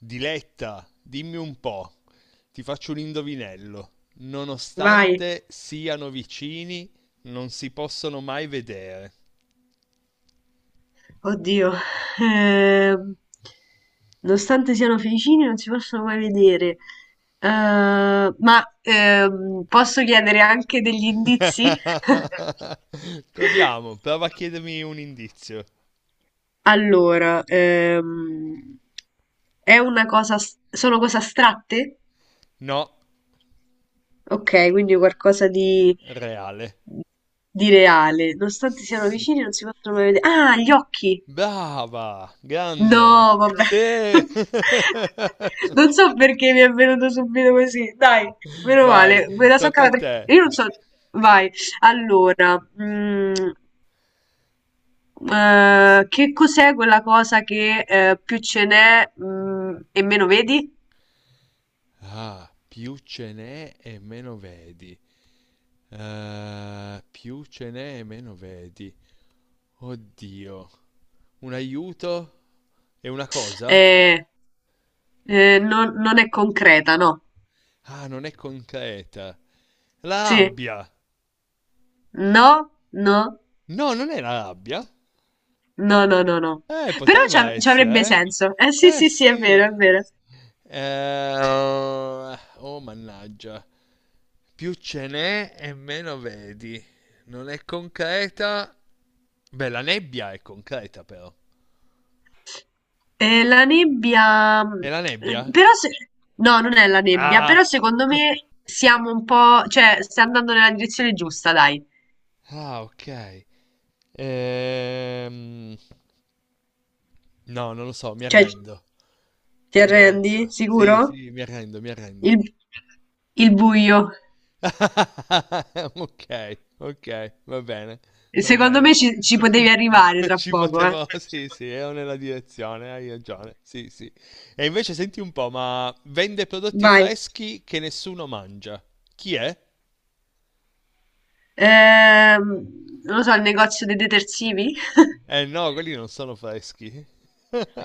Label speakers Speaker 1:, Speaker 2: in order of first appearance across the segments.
Speaker 1: Diletta, dimmi un po', ti faccio un indovinello.
Speaker 2: Vai.
Speaker 1: Nonostante siano vicini, non si possono mai vedere.
Speaker 2: Oddio. Ehm, Nonostante siano vicini, non si possono mai vedere. Eh, ma posso chiedere anche degli indizi?
Speaker 1: Proviamo, prova a chiedermi un indizio.
Speaker 2: Allora, è una cosa, sono cose astratte?
Speaker 1: No,
Speaker 2: Ok, quindi qualcosa
Speaker 1: reale.
Speaker 2: di reale. Nonostante siano
Speaker 1: Sì.
Speaker 2: vicini, non si possono mai vedere. Ah, gli occhi!
Speaker 1: Brava, grande.
Speaker 2: No, vabbè.
Speaker 1: Sì.
Speaker 2: Non so perché mi è venuto subito così. Dai, meno
Speaker 1: Vai,
Speaker 2: male, me la so
Speaker 1: tocca a
Speaker 2: cavata.
Speaker 1: te.
Speaker 2: Io non so. Vai. Allora, che cos'è quella cosa che più ce n'è e meno vedi?
Speaker 1: Ah, più ce n'è e meno vedi. Più ce n'è e meno vedi. Oddio. Un aiuto? È una cosa?
Speaker 2: Eh, non è concreta, no?
Speaker 1: Ah, non è concreta. La
Speaker 2: Sì.
Speaker 1: rabbia!
Speaker 2: No, no,
Speaker 1: No, non è la rabbia.
Speaker 2: no, no, no, no. Però
Speaker 1: Poteva
Speaker 2: ci avrebbe
Speaker 1: essere,
Speaker 2: senso. Eh sì,
Speaker 1: eh? Eh
Speaker 2: sì, sì, è
Speaker 1: sì.
Speaker 2: vero, è vero.
Speaker 1: Oh, mannaggia. Più ce n'è e meno vedi. Non è concreta. Beh, la nebbia è concreta però.
Speaker 2: La nebbia,
Speaker 1: È la
Speaker 2: mhmm,
Speaker 1: nebbia?
Speaker 2: però se no, non è la nebbia, però
Speaker 1: Ah!
Speaker 2: secondo me siamo un po' cioè, sta andando nella direzione giusta, dai.
Speaker 1: Ah, ok. Ehm, No, non lo so, mi
Speaker 2: Cioè c
Speaker 1: arrendo.
Speaker 2: ti
Speaker 1: Mi
Speaker 2: arrendi?
Speaker 1: arrendo.
Speaker 2: Sicuro?
Speaker 1: Sì, sì, mi arrendo, mi arrendo.
Speaker 2: Il il buio.
Speaker 1: Ok, ok, va bene, va
Speaker 2: Secondo
Speaker 1: bene.
Speaker 2: me ci potevi arrivare
Speaker 1: Non
Speaker 2: tra
Speaker 1: ci
Speaker 2: poco, eh.
Speaker 1: potevo, sì, sì, ero nella direzione, hai ragione, sì, sì. E invece senti un po', ma vende prodotti
Speaker 2: Vai.
Speaker 1: freschi che nessuno mangia. Chi è?
Speaker 2: Non lo so, il negozio dei detersivi?
Speaker 1: Eh no, quelli non sono freschi.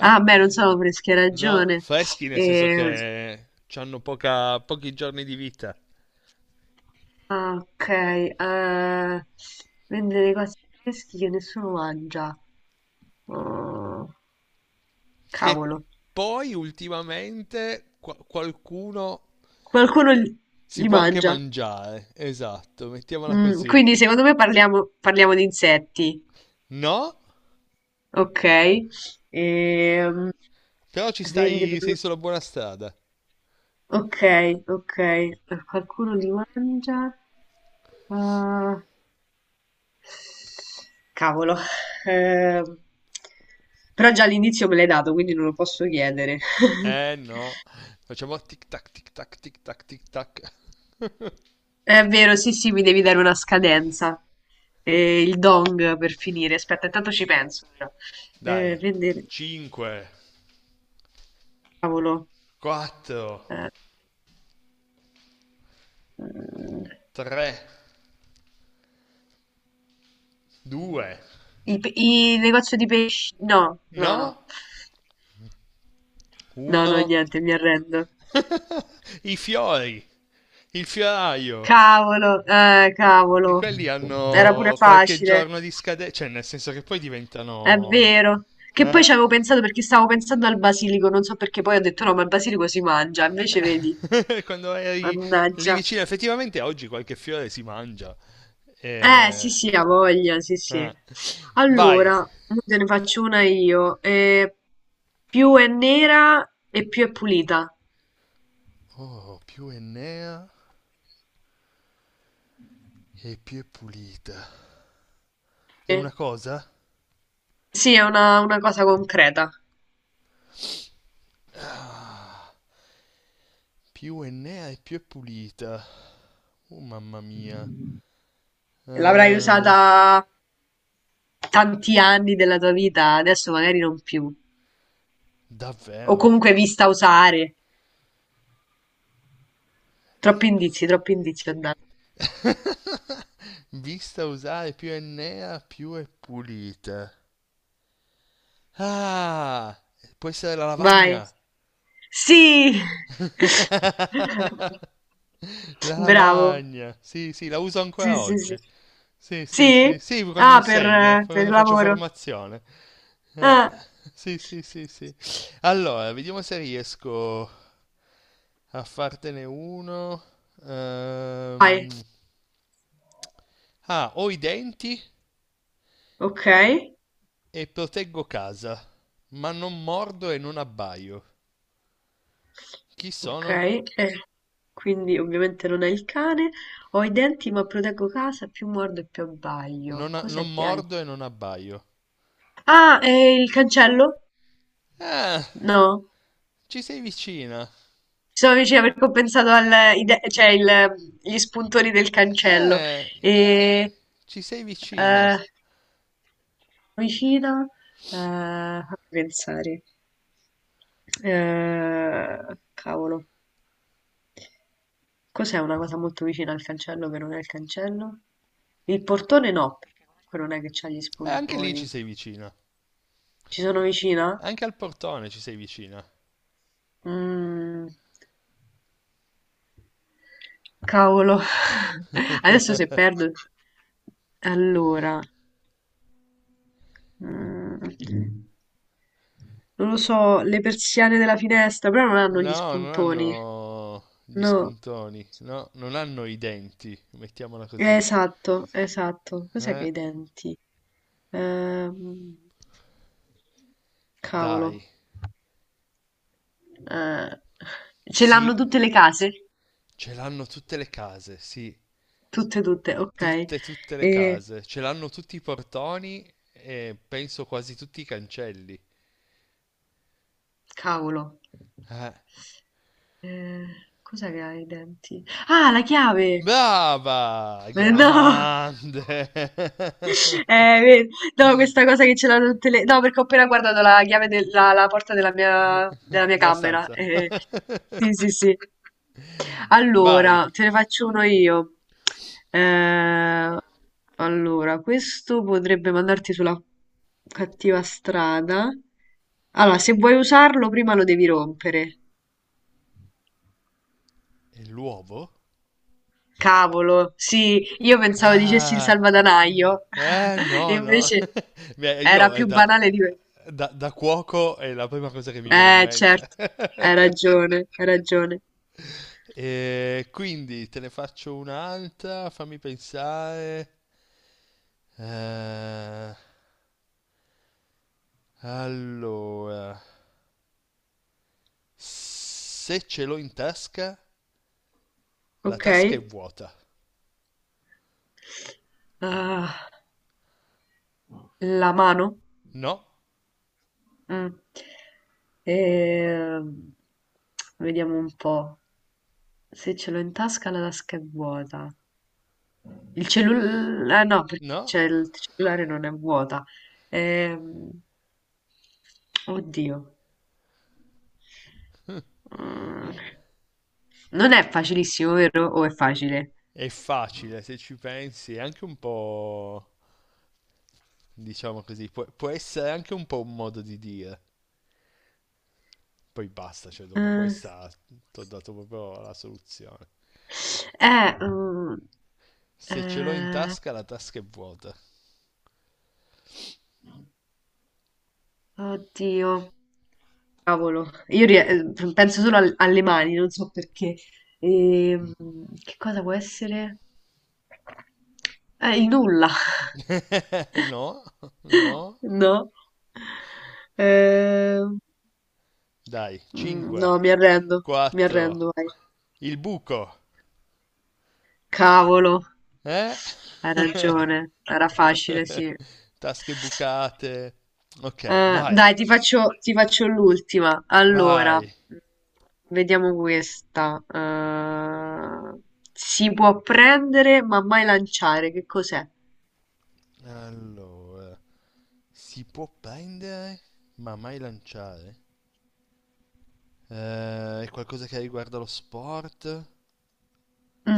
Speaker 2: Ah, beh, non so freschi, hai
Speaker 1: No,
Speaker 2: ragione.
Speaker 1: freschi nel senso
Speaker 2: Ehm,
Speaker 1: che hanno poca, pochi giorni di vita.
Speaker 2: ah, ok. Eh, vendere cose fresche che nessuno mangia. Oh,
Speaker 1: Che
Speaker 2: cavolo.
Speaker 1: poi ultimamente qualcuno
Speaker 2: Qualcuno li,
Speaker 1: si
Speaker 2: li
Speaker 1: può anche
Speaker 2: mangia.
Speaker 1: mangiare. Esatto, mettiamola
Speaker 2: Mm,
Speaker 1: così.
Speaker 2: quindi secondo me parliamo di insetti.
Speaker 1: No?
Speaker 2: Ok. Ehm,
Speaker 1: Però ci
Speaker 2: vende
Speaker 1: stai, sei sulla buona strada.
Speaker 2: ok, ok. Qualcuno li mangia. Ah, cavolo. Ehm, però già all'inizio me l'hai dato, quindi non lo posso chiedere.
Speaker 1: Eh no, facciamo tic tac tic tac tic tac tic tac.
Speaker 2: È vero, sì, sì, mi devi dare una scadenza. Il dong per finire. Aspetta, intanto ci penso però.
Speaker 1: Dai,
Speaker 2: Vendere,
Speaker 1: 5,
Speaker 2: cavolo.
Speaker 1: 4,
Speaker 2: Eh, mm,
Speaker 1: 3, 2.
Speaker 2: il, il negozio di pesci. No, no, no.
Speaker 1: No?
Speaker 2: No, no,
Speaker 1: Uno.
Speaker 2: niente, mi arrendo.
Speaker 1: I fiori, il fioraio.
Speaker 2: Cavolo,
Speaker 1: E
Speaker 2: cavolo.
Speaker 1: quelli
Speaker 2: Era pure
Speaker 1: hanno qualche
Speaker 2: facile.
Speaker 1: giorno di scadenza, cioè nel senso che poi
Speaker 2: È
Speaker 1: diventano...
Speaker 2: vero. Che poi
Speaker 1: eh?
Speaker 2: ci avevo pensato perché stavo pensando al basilico, non so perché poi ho detto no, ma il basilico si mangia, invece vedi,
Speaker 1: Quando eri lì
Speaker 2: mannaggia.
Speaker 1: vicino, effettivamente oggi qualche fiore si mangia. Eh,
Speaker 2: Sì, sì, ha voglia, sì, sì.
Speaker 1: eh. Vai.
Speaker 2: Allora, mo te ne faccio una io. Più è nera e più è pulita.
Speaker 1: Oh, più Enea e più è pulita. È
Speaker 2: Eh,
Speaker 1: una cosa?
Speaker 2: sì, è una cosa concreta.
Speaker 1: Più Enea e più è pulita. Oh, mamma mia.
Speaker 2: L'avrai
Speaker 1: Eh,
Speaker 2: usata tanti anni della tua vita, adesso magari non più. O
Speaker 1: Davvero?
Speaker 2: comunque vista usare. Troppi indizi ho dato.
Speaker 1: Vista usare più è nera, più è pulita. Ah, può essere la
Speaker 2: Vai.
Speaker 1: lavagna.
Speaker 2: Sì!
Speaker 1: La
Speaker 2: Bravo.
Speaker 1: lavagna. Sì, sì, la uso
Speaker 2: Sì,
Speaker 1: ancora
Speaker 2: sì, sì.
Speaker 1: oggi. Sì, sì, sì.
Speaker 2: Sì?
Speaker 1: Sì, quando
Speaker 2: Ah,
Speaker 1: insegno,
Speaker 2: per il
Speaker 1: quando faccio
Speaker 2: lavoro.
Speaker 1: formazione. Eh,
Speaker 2: Ah,
Speaker 1: sì, sì, sì, sì. Allora, vediamo se riesco a fartene uno. Ehm,
Speaker 2: vai.
Speaker 1: Ah, ho i denti
Speaker 2: Ok,
Speaker 1: e proteggo casa, ma non mordo e non abbaio. Chi
Speaker 2: ok.
Speaker 1: sono?
Speaker 2: Eh, quindi ovviamente non è il cane. Ho i denti ma proteggo casa, più mordo e più abbaglio. Cos'è
Speaker 1: Non
Speaker 2: che hai?
Speaker 1: mordo e non abbaio.
Speaker 2: Ah, il cancello?
Speaker 1: Ah,
Speaker 2: No.
Speaker 1: ci sei vicina.
Speaker 2: Ci sono vicina perché ho pensato al, cioè gli spuntoni del cancello.
Speaker 1: Eh,
Speaker 2: E,
Speaker 1: ci sei vicina.
Speaker 2: eh, vicina, fammi pensare. Cavolo, cos'è una cosa molto vicina al cancello che non è il cancello? Il portone no, perché comunque non è che c'ha gli
Speaker 1: Anche lì ci
Speaker 2: spuntoni.
Speaker 1: sei vicina.
Speaker 2: Ci sono vicina?
Speaker 1: Anche al portone ci sei vicina.
Speaker 2: Mm, cavolo. Adesso se perdo... Allora... mm, non lo so, le persiane della finestra, però non hanno gli
Speaker 1: No, non
Speaker 2: spuntoni.
Speaker 1: hanno gli
Speaker 2: No.
Speaker 1: spuntoni, no, non hanno i denti, mettiamola così.
Speaker 2: Esatto, esatto. Cos'è che ha
Speaker 1: Eh,
Speaker 2: i denti? Ehm, cavolo.
Speaker 1: dai,
Speaker 2: Eh, ce
Speaker 1: sì,
Speaker 2: l'hanno tutte le case?
Speaker 1: ce l'hanno tutte le case, sì.
Speaker 2: Tutte, tutte, ok.
Speaker 1: Tutte, tutte le
Speaker 2: E,
Speaker 1: case, ce l'hanno tutti i portoni e penso quasi tutti i cancelli.
Speaker 2: cavolo.
Speaker 1: Eh.
Speaker 2: Eh, cos'è che ha i denti? Ah, la chiave!
Speaker 1: Brava!
Speaker 2: No,
Speaker 1: Grande!
Speaker 2: vedi, no, questa cosa che ce l'hanno tutte le... No, perché ho appena guardato la chiave della la porta della mia
Speaker 1: Della
Speaker 2: camera.
Speaker 1: stanza.
Speaker 2: Eh. Sì, sì, sì.
Speaker 1: Vai.
Speaker 2: Allora, te ne faccio uno io. Eh, allora, questo potrebbe mandarti sulla cattiva strada. Allora, se vuoi usarlo, prima lo devi rompere.
Speaker 1: E l'uovo?
Speaker 2: Cavolo, sì, io pensavo dicessi il
Speaker 1: Ah,
Speaker 2: salvadanaio,
Speaker 1: no, no.
Speaker 2: invece
Speaker 1: Beh,
Speaker 2: era
Speaker 1: io è
Speaker 2: più
Speaker 1: da,
Speaker 2: banale di me.
Speaker 1: da, da cuoco è la prima cosa che mi viene in mente.
Speaker 2: Certo, hai ragione, hai ragione.
Speaker 1: E quindi te ne faccio un'altra, fammi pensare. Eh, allora. Se ce l'ho in tasca, la
Speaker 2: Ok.
Speaker 1: tasca è vuota.
Speaker 2: Ah, la mano?
Speaker 1: No,
Speaker 2: Mm. Ehm, vediamo un po'. Se ce l'ho in tasca la tasca è vuota. Il cellulare... no, perché
Speaker 1: no,
Speaker 2: c'è il cellulare non è vuota. Ehm, oddio. Mm, non è facilissimo, vero? O è facile?
Speaker 1: è facile se ci pensi, è anche un po', diciamo così, può essere anche un po' un modo di dire. Poi basta, cioè dopo
Speaker 2: Eh,
Speaker 1: questa ti ho dato proprio la soluzione.
Speaker 2: eh, mm,
Speaker 1: Se ce l'ho in
Speaker 2: eh,
Speaker 1: tasca, la tasca è vuota.
Speaker 2: oddio, cavolo. Io penso solo alle mani, non so perché. Ehm, che cosa può essere? Il nulla.
Speaker 1: No, no,
Speaker 2: No. Ehm,
Speaker 1: dai,
Speaker 2: no,
Speaker 1: 5,
Speaker 2: mi
Speaker 1: 4,
Speaker 2: arrendo, vai.
Speaker 1: il buco,
Speaker 2: Cavolo,
Speaker 1: eh?
Speaker 2: hai ragione, era facile, sì.
Speaker 1: Tasche bucate. Ok,
Speaker 2: Dai, ti faccio l'ultima. Allora,
Speaker 1: vai.
Speaker 2: vediamo questa. Si può prendere ma mai lanciare, che cos'è?
Speaker 1: Allora, si può prendere, ma mai lanciare? È qualcosa che riguarda lo sport?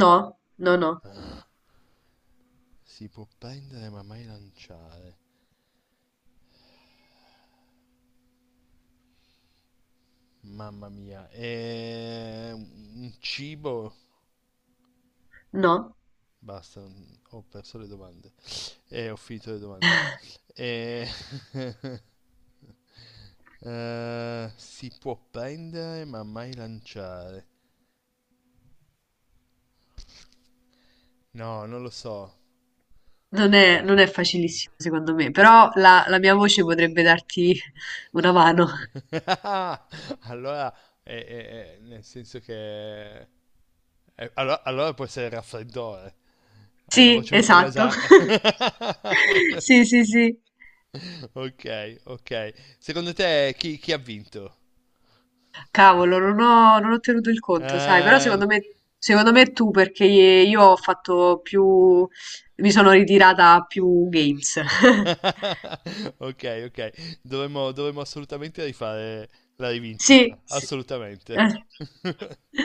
Speaker 2: No, no, no,
Speaker 1: Ah, si può prendere, ma mai lanciare. Mamma mia, è un cibo?
Speaker 2: no.
Speaker 1: Basta, ho perso le domande. Ho finito le domande. Eh, si può prendere, ma mai lanciare. No, non lo so.
Speaker 2: Non è, non è facilissimo secondo me, però la, la mia voce potrebbe darti una mano.
Speaker 1: Allora, nel senso che... allora può essere il raffreddore. Hai la
Speaker 2: Sì,
Speaker 1: voce un po'
Speaker 2: esatto.
Speaker 1: nasale.
Speaker 2: Sì, sì, sì.
Speaker 1: Ok, ok. Secondo te chi ha vinto?
Speaker 2: Cavolo, non ho tenuto il conto, sai, però
Speaker 1: Eh,
Speaker 2: secondo me tu, perché io ho fatto più, mi sono ritirata a più games.
Speaker 1: ok, ok. Dovremmo assolutamente rifare la rivincita.
Speaker 2: Sì, sì.
Speaker 1: Assolutamente.
Speaker 2: Eh.